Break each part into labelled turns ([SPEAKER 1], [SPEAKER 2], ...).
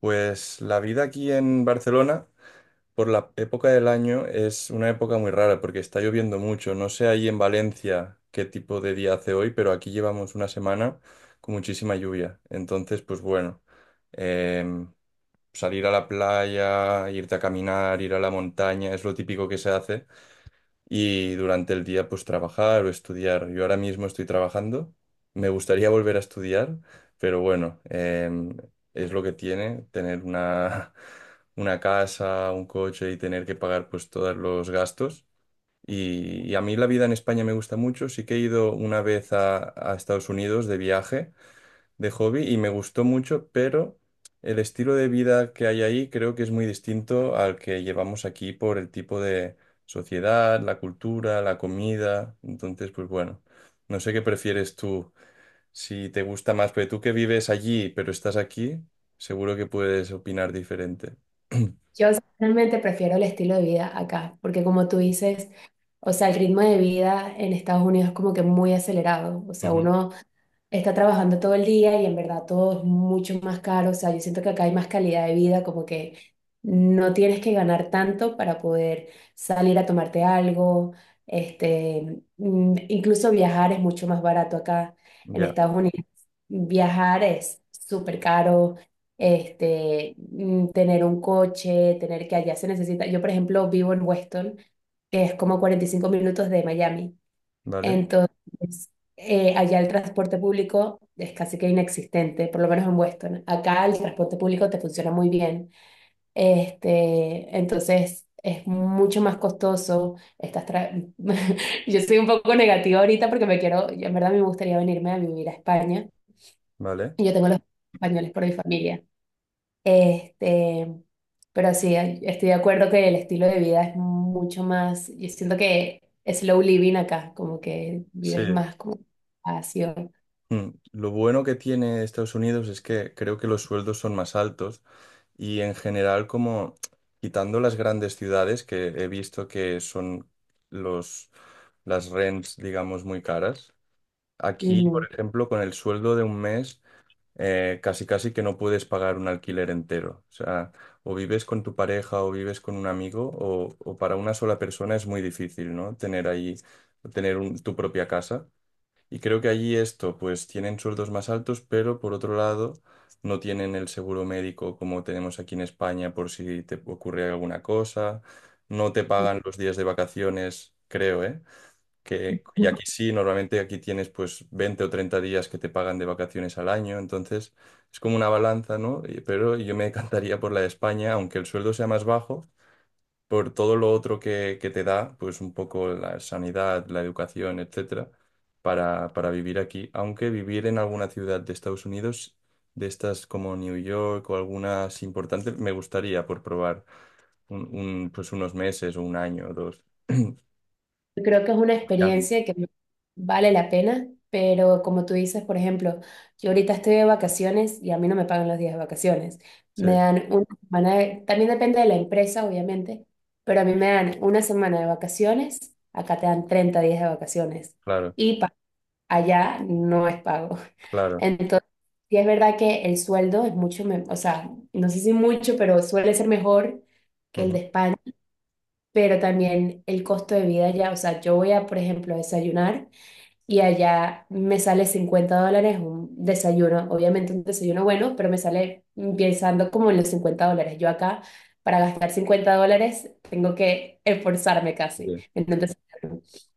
[SPEAKER 1] Pues la vida aquí en Barcelona, por la época del año, es una época muy rara porque está lloviendo mucho. No sé ahí en Valencia qué tipo de día hace hoy, pero aquí llevamos una semana con muchísima lluvia. Entonces, pues bueno, em, salir a la playa, irte a caminar, ir a la montaña, es lo típico que se hace, y durante el día pues trabajar o estudiar. Yo ahora mismo estoy trabajando, me gustaría volver a estudiar, pero bueno, es lo que tiene tener una, una casa, un coche y tener que pagar pues todos los gastos. Y a mí la vida en España me gusta mucho, sí que he ido una vez a Estados Unidos de viaje de hobby y me gustó mucho, pero el estilo de vida que hay ahí creo que es muy distinto al que llevamos aquí por el tipo de sociedad, la cultura, la comida. Entonces, pues bueno, no sé qué prefieres tú, si te gusta más, pero tú que vives allí, pero estás aquí, seguro que puedes opinar diferente.
[SPEAKER 2] Yo realmente prefiero el estilo de vida acá, porque como tú dices, o sea, el ritmo de vida en Estados Unidos es como que muy acelerado, o sea,
[SPEAKER 1] Ujú.
[SPEAKER 2] uno está trabajando todo el día y en verdad todo es mucho más caro, o sea, yo siento que acá hay más calidad de vida, como que no tienes que ganar tanto para poder salir a tomarte algo, incluso viajar es mucho más barato acá en
[SPEAKER 1] Ya,
[SPEAKER 2] Estados Unidos. Viajar es súper caro, tener un coche, tener que allá se necesita. Yo, por ejemplo, vivo en Weston, que es como 45 minutos de Miami.
[SPEAKER 1] vale,
[SPEAKER 2] Entonces, allá el transporte público es casi que inexistente, por lo menos en Weston. Acá el transporte público te funciona muy bien. Entonces, es mucho más costoso. Yo soy un poco negativa ahorita porque yo en verdad me gustaría venirme a vivir a España.
[SPEAKER 1] vale.
[SPEAKER 2] Y yo tengo los españoles por mi familia. Este, pero sí, estoy de acuerdo que el estilo de vida es mucho más, yo siento que es slow living acá, como que vives
[SPEAKER 1] Sí.
[SPEAKER 2] más como espacio.
[SPEAKER 1] Lo bueno que tiene Estados Unidos es que creo que los sueldos son más altos. Y en general, como quitando las grandes ciudades, que he visto que son los, las rents, digamos, muy caras. Aquí, por
[SPEAKER 2] Ujú.
[SPEAKER 1] ejemplo, con el sueldo de un mes, casi casi que no puedes pagar un alquiler entero. O sea, o vives con tu pareja o vives con un amigo, o para una sola persona es muy difícil, ¿no? Tener ahí, tu propia casa. Y creo que allí esto, pues tienen sueldos más altos, pero por otro lado no tienen el seguro médico como tenemos aquí en España por si te ocurre alguna cosa, no te pagan los días de vacaciones, creo, ¿eh? Que, y aquí sí, normalmente aquí tienes pues 20 o 30 días que te pagan de vacaciones al año, entonces es como una balanza, ¿no? Pero yo me encantaría por la de España, aunque el sueldo sea más bajo, por todo lo otro que, te da, pues un poco la sanidad, la educación, etcétera, para, vivir aquí. Aunque vivir en alguna ciudad de Estados Unidos, de estas como New York o algunas importantes, me gustaría por probar pues unos meses o un año o dos.
[SPEAKER 2] Yo creo que es una
[SPEAKER 1] Miami.
[SPEAKER 2] experiencia que vale la pena, pero como tú dices, por ejemplo, yo ahorita estoy de vacaciones y a mí no me pagan los días de vacaciones.
[SPEAKER 1] Sí,
[SPEAKER 2] Me dan una semana, también depende de la empresa, obviamente, pero a mí me dan una semana de vacaciones, acá te dan 30 días de vacaciones.
[SPEAKER 1] claro,
[SPEAKER 2] Y allá no es pago.
[SPEAKER 1] claro.
[SPEAKER 2] Entonces, sí es verdad que el sueldo es mucho, o sea, no sé si mucho, pero suele ser mejor que el de
[SPEAKER 1] Ujú.
[SPEAKER 2] España, pero también el costo de vida allá, o sea, yo voy a, por ejemplo, a desayunar y allá me sale $50 un desayuno, obviamente un desayuno bueno, pero me sale pensando como en los $50. Yo acá, para gastar $50, tengo que esforzarme casi.
[SPEAKER 1] Sí,
[SPEAKER 2] Entonces,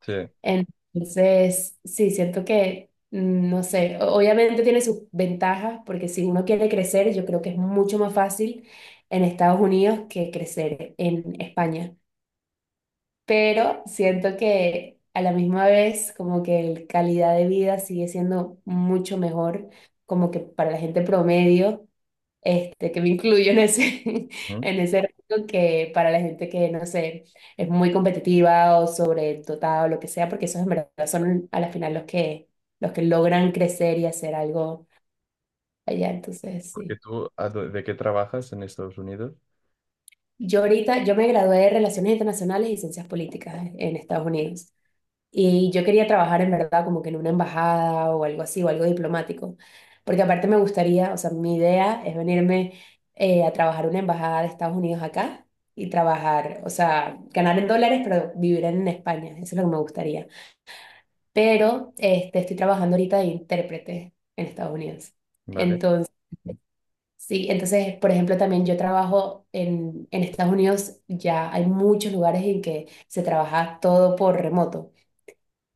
[SPEAKER 1] sí.
[SPEAKER 2] sí, siento que, no sé, obviamente tiene sus ventajas, porque si uno quiere crecer, yo creo que es mucho más fácil en Estados Unidos que crecer en España. Pero siento que a la misma vez, como que la calidad de vida sigue siendo mucho mejor, como que para la gente promedio que me incluyo en ese,
[SPEAKER 1] Ujú.
[SPEAKER 2] en ese rango que para la gente que, no sé, es muy competitiva o sobredotada o lo que sea, porque esos en verdad son a la final los que, logran crecer y hacer algo allá. Entonces,
[SPEAKER 1] Porque
[SPEAKER 2] sí.
[SPEAKER 1] tú, ¿de qué trabajas en Estados Unidos?
[SPEAKER 2] Yo me gradué de Relaciones Internacionales y Ciencias Políticas en Estados Unidos. Y yo quería trabajar en verdad como que en una embajada o algo así, o algo diplomático, porque aparte me gustaría, o sea, mi idea es venirme a trabajar en una embajada de Estados Unidos acá y trabajar, o sea, ganar en dólares, pero vivir en España, eso es lo que me gustaría. Pero estoy trabajando ahorita de intérprete en Estados Unidos.
[SPEAKER 1] ¿Vale?
[SPEAKER 2] Entonces, sí, entonces, por ejemplo, también yo trabajo en Estados Unidos, ya hay muchos lugares en que se trabaja todo por remoto.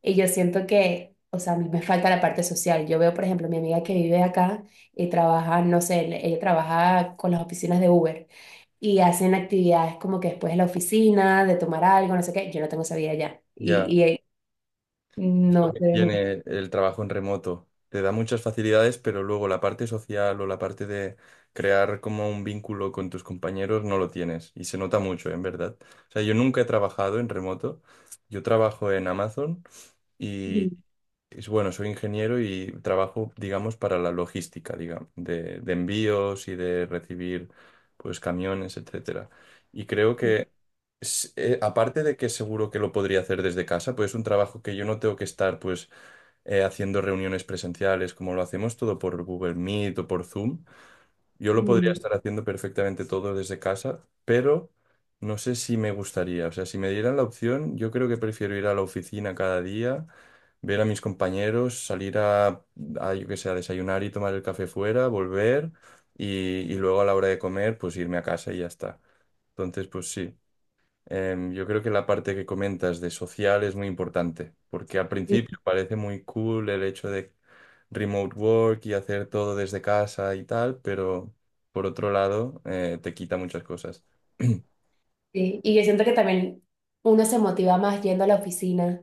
[SPEAKER 2] Y yo siento que, o sea, a mí me falta la parte social. Yo veo, por ejemplo, mi amiga que vive acá y trabaja, no sé, ella trabaja con las oficinas de Uber y hacen actividades como que después de la oficina, de tomar algo, no sé qué. Yo no tengo esa vida allá
[SPEAKER 1] Ya.
[SPEAKER 2] y
[SPEAKER 1] Es lo
[SPEAKER 2] no
[SPEAKER 1] que
[SPEAKER 2] se ve mucho.
[SPEAKER 1] tiene el trabajo en remoto. Te da muchas facilidades, pero luego la parte social o la parte de crear como un vínculo con tus compañeros no lo tienes. Y se nota mucho, en verdad. O sea, yo nunca he trabajado en remoto. Yo trabajo en Amazon y es bueno, soy ingeniero y trabajo, digamos, para la logística, digamos, de envíos y de recibir, pues, camiones, etcétera. Y creo que, aparte de que seguro que lo podría hacer desde casa, pues es un trabajo que yo no tengo que estar, pues, haciendo reuniones presenciales como lo hacemos todo por Google Meet o por Zoom. Yo lo podría
[SPEAKER 2] Ujú.
[SPEAKER 1] estar haciendo perfectamente todo desde casa, pero no sé si me gustaría. O sea, si me dieran la opción, yo creo que prefiero ir a la oficina cada día, ver a mis compañeros, salir a, yo qué sé, a desayunar y tomar el café fuera, volver y luego a la hora de comer, pues irme a casa y ya está. Entonces, pues sí. Yo creo que la parte que comentas de social es muy importante, porque al principio parece muy cool el hecho de remote work y hacer todo desde casa y tal, pero por otro lado, te quita muchas cosas.
[SPEAKER 2] Sí, y yo siento que también uno se motiva más yendo a la oficina,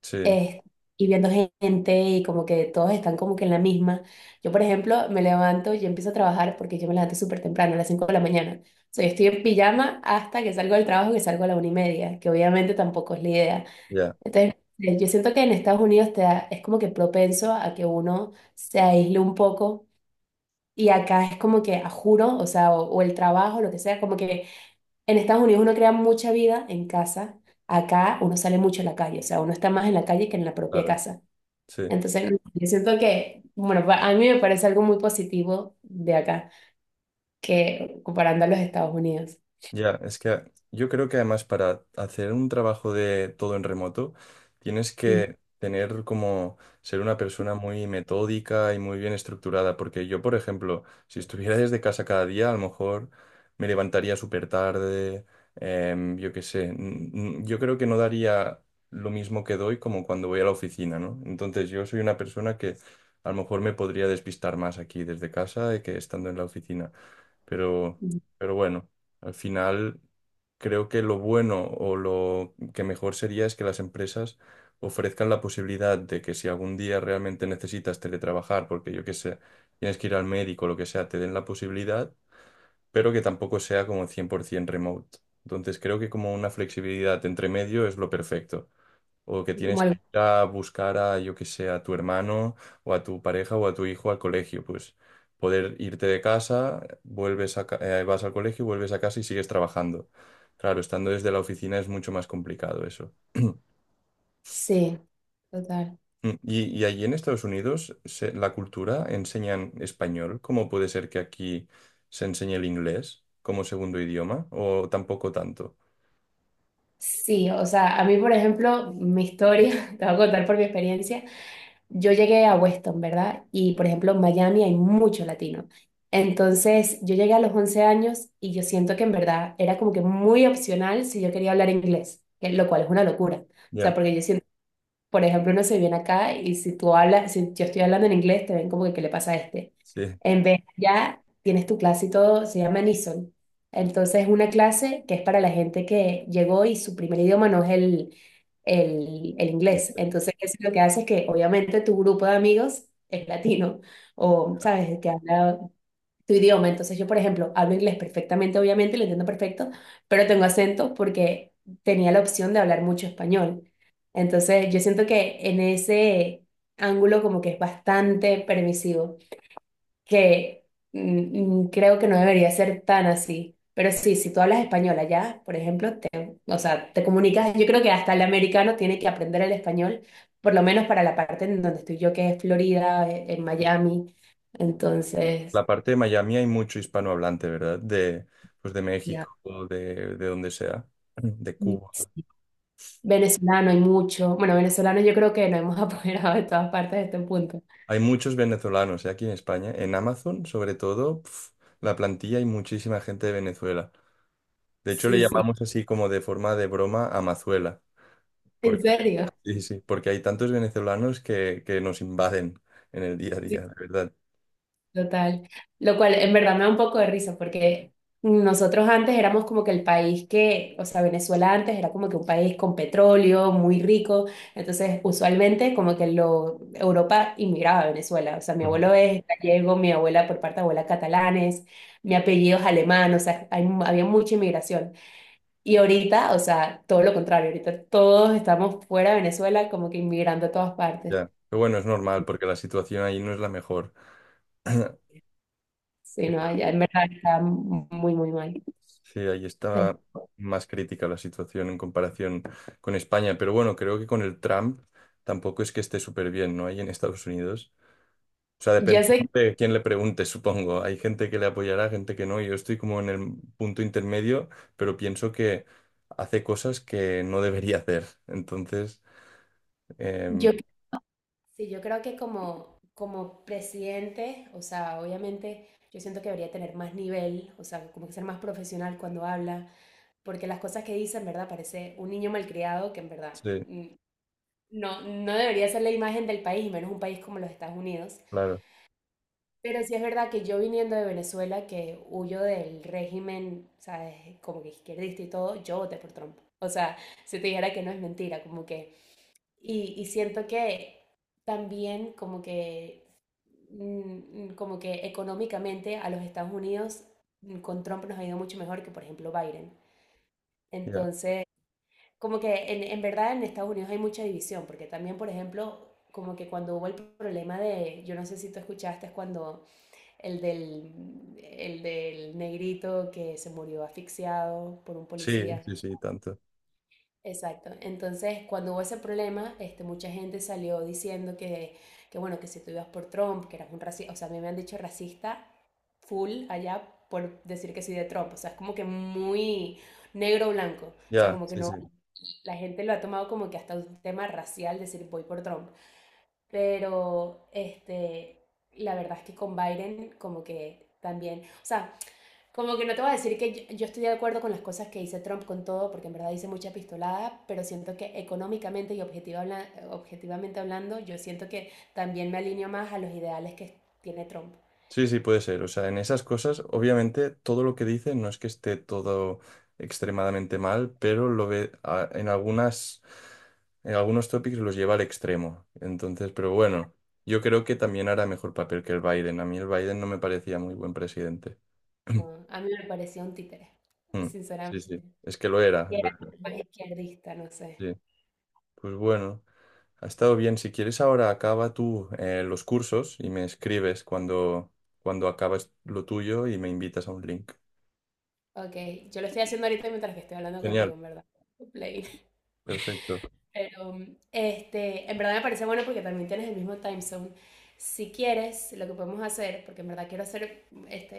[SPEAKER 1] Sí,
[SPEAKER 2] eh, y viendo gente y como que todos están como que en la misma. Yo, por ejemplo, me levanto y empiezo a trabajar porque yo me levanto súper temprano, a las 5 de la mañana. O sea, yo estoy en pijama hasta que salgo del trabajo, que salgo a la 1:30, que obviamente tampoco es la idea.
[SPEAKER 1] ya,
[SPEAKER 2] Entonces, yo siento que en Estados Unidos es como que propenso a que uno se aísle un poco. Y acá es como que, a juro, o sea, o el trabajo, lo que sea, como que en Estados Unidos uno crea mucha vida en casa, acá uno sale mucho a la calle, o sea, uno está más en la calle que en la propia
[SPEAKER 1] claro,
[SPEAKER 2] casa.
[SPEAKER 1] sí.
[SPEAKER 2] Entonces, yo siento que, bueno, a mí me parece algo muy positivo de acá, que comparando a los Estados Unidos.
[SPEAKER 1] Ya, es que yo creo que además para hacer un trabajo de todo en remoto, tienes
[SPEAKER 2] Mm,
[SPEAKER 1] que tener como ser una persona muy metódica y muy bien estructurada, porque yo, por ejemplo, si estuviera desde casa cada día, a lo mejor me levantaría súper tarde, yo qué sé, yo creo que no daría lo mismo que doy como cuando voy a la oficina, ¿no? Entonces yo soy una persona que a lo mejor me podría despistar más aquí desde casa que estando en la oficina, pero,
[SPEAKER 2] mm.
[SPEAKER 1] pero bueno. Al final, creo que lo bueno o lo que mejor sería es que las empresas ofrezcan la posibilidad de que si algún día realmente necesitas teletrabajar, porque yo qué sé, tienes que ir al médico o lo que sea, te den la posibilidad, pero que tampoco sea como 100% remote. Entonces, creo que como una flexibilidad entre medio es lo perfecto. O que
[SPEAKER 2] Como
[SPEAKER 1] tienes que
[SPEAKER 2] algo-
[SPEAKER 1] ir a buscar a, yo que sé, a tu hermano o a tu pareja o a tu hijo al colegio. Pues poder irte de casa, vas al colegio, vuelves a casa y sigues trabajando. Claro, estando desde la oficina es mucho más complicado eso.
[SPEAKER 2] Sí, total.
[SPEAKER 1] Y allí en Estados Unidos, la cultura enseñan español. ¿Cómo puede ser que aquí se enseñe el inglés como segundo idioma? ¿O tampoco tanto?
[SPEAKER 2] Sí, o sea, a mí, por ejemplo, mi historia, te voy a contar por mi experiencia, yo llegué a Weston, ¿verdad? Y, por ejemplo, en Miami hay mucho latino. Entonces, yo llegué a los 11 años y yo siento que en verdad era como que muy opcional si yo quería hablar inglés, lo cual es una locura. O sea,
[SPEAKER 1] Ya,
[SPEAKER 2] porque yo siento por ejemplo, uno se viene acá y si tú hablas, si yo estoy hablando en inglés, te ven como que, ¿qué le pasa a este?
[SPEAKER 1] sí.
[SPEAKER 2] En vez ya tienes tu clase y todo, se llama Nison. Entonces, es una clase que es para la gente que llegó y su primer idioma no es el inglés. Entonces, eso lo que hace es que, obviamente, tu grupo de amigos es latino o, ¿sabes?, que habla tu idioma. Entonces yo, por ejemplo, hablo inglés perfectamente, obviamente, lo entiendo perfecto, pero tengo acento porque tenía la opción de hablar mucho español. Entonces yo siento que en ese ángulo como que es bastante permisivo, que creo que no debería ser tan así. Pero sí, si tú hablas español allá, por ejemplo, te, o sea, te comunicas, yo creo que hasta el americano tiene que aprender el español, por lo menos para la parte en donde estoy yo, que es Florida, en Miami. Entonces,
[SPEAKER 1] La parte de Miami hay mucho hispanohablante, ¿verdad? De, pues de
[SPEAKER 2] ya.
[SPEAKER 1] México, de donde sea, de
[SPEAKER 2] Mm,
[SPEAKER 1] Cuba.
[SPEAKER 2] sí. Venezolano hay mucho. Bueno, venezolano yo creo que nos hemos apoderado de todas partes de este punto.
[SPEAKER 1] Hay muchos venezolanos, ¿eh? Aquí en España. En Amazon, sobre todo, pf, la plantilla hay muchísima gente de Venezuela. De hecho, le
[SPEAKER 2] Sí, sí.
[SPEAKER 1] llamamos así como de forma de broma Amazuela,
[SPEAKER 2] En
[SPEAKER 1] porque,
[SPEAKER 2] serio.
[SPEAKER 1] sí, sí, porque hay tantos venezolanos que nos invaden en el día a
[SPEAKER 2] Sí,
[SPEAKER 1] día, de verdad.
[SPEAKER 2] total. Lo cual en verdad me da un poco de risa porque nosotros antes éramos como que el país que, o sea, Venezuela antes era como que un país con petróleo, muy rico. Entonces, usualmente como que lo, Europa inmigraba a Venezuela. O sea, mi
[SPEAKER 1] Ujú.
[SPEAKER 2] abuelo es gallego, mi abuela por parte de abuela catalanes, mi apellido es alemán. O sea, había mucha inmigración. Y ahorita, o sea, todo lo contrario, ahorita todos estamos fuera de Venezuela como que inmigrando a todas partes.
[SPEAKER 1] Ya. Pero bueno, es normal, porque la situación ahí no es la mejor.
[SPEAKER 2] Sí, no, allá en verdad está muy, muy mal.
[SPEAKER 1] Sí, ahí
[SPEAKER 2] Pero
[SPEAKER 1] está más crítica la situación en comparación con España, pero bueno, creo que con el Trump tampoco es que esté súper bien, ¿no? Ahí en Estados Unidos. O sea,
[SPEAKER 2] yo
[SPEAKER 1] depende
[SPEAKER 2] sé,
[SPEAKER 1] de quién le pregunte, supongo. Hay gente que le apoyará, gente que no. Yo estoy como en el punto intermedio, pero pienso que hace cosas que no debería hacer. Entonces, em,
[SPEAKER 2] yo, sí, yo creo que como presidente, o sea, obviamente yo siento que debería tener más nivel, o sea, como que ser más profesional cuando habla, porque las cosas que dice en verdad parece un niño malcriado que en verdad
[SPEAKER 1] sí,
[SPEAKER 2] mm, no, no debería ser la imagen del país, y menos un país como los Estados Unidos.
[SPEAKER 1] claro,
[SPEAKER 2] Pero sí es verdad que yo viniendo de Venezuela, que huyo del régimen, ¿sabes? Como que izquierdista y todo, yo voté por Trump. O sea, si te dijera que no es mentira, como que... Y siento que también como que... como que económicamente a los Estados Unidos, con Trump nos ha ido mucho mejor que, por ejemplo, Biden.
[SPEAKER 1] ya.
[SPEAKER 2] Entonces, como que en verdad en Estados Unidos hay mucha división, porque también, por ejemplo, como que cuando hubo el problema de, yo no sé si tú escuchaste, cuando el del, negrito que se murió asfixiado por un
[SPEAKER 1] Sí,
[SPEAKER 2] policía.
[SPEAKER 1] sí, sí, tanto.
[SPEAKER 2] Exacto. Entonces, cuando hubo ese problema, mucha gente salió diciendo bueno, que si tú ibas por Trump, que eras un racista, o sea, a mí me han dicho racista full allá por decir que soy de Trump, o sea, es como que muy negro o blanco, o sea,
[SPEAKER 1] Ya,
[SPEAKER 2] como que
[SPEAKER 1] sí,
[SPEAKER 2] no,
[SPEAKER 1] sí.
[SPEAKER 2] la gente lo ha tomado como que hasta un tema racial decir voy por Trump, pero la verdad es que con Biden como que también, o sea, como que no te voy a decir que yo estoy de acuerdo con las cosas que dice Trump, con todo, porque en verdad dice mucha pistolada, pero siento que económicamente y objetivamente hablando, yo siento que también me alineo más a los ideales que tiene Trump.
[SPEAKER 1] Sí, sí, puede ser. O sea, en esas cosas, obviamente, todo lo que dice no es que esté todo extremadamente mal, pero lo ve en algunas, en algunos tópicos los lleva al extremo. Entonces, pero bueno, yo creo que también hará mejor papel que el Biden. A mí el Biden no me parecía muy buen presidente.
[SPEAKER 2] No, a mí me parecía un títere,
[SPEAKER 1] Mm, sí, sí,
[SPEAKER 2] sinceramente.
[SPEAKER 1] es que lo era,
[SPEAKER 2] Y
[SPEAKER 1] lo
[SPEAKER 2] era
[SPEAKER 1] era.
[SPEAKER 2] más izquierdista, no sé.
[SPEAKER 1] Sí, pues bueno, ha estado bien. Si quieres, ahora acaba tú los cursos y me escribes cuando, acabas lo tuyo y me invitas a un link.
[SPEAKER 2] Ok, yo lo estoy haciendo ahorita mientras que estoy hablando
[SPEAKER 1] Genial.
[SPEAKER 2] contigo, en verdad. Play.
[SPEAKER 1] Perfecto.
[SPEAKER 2] Pero, en verdad me parece bueno porque también tienes el mismo time zone. Si quieres, lo que podemos hacer, porque en verdad quiero hacer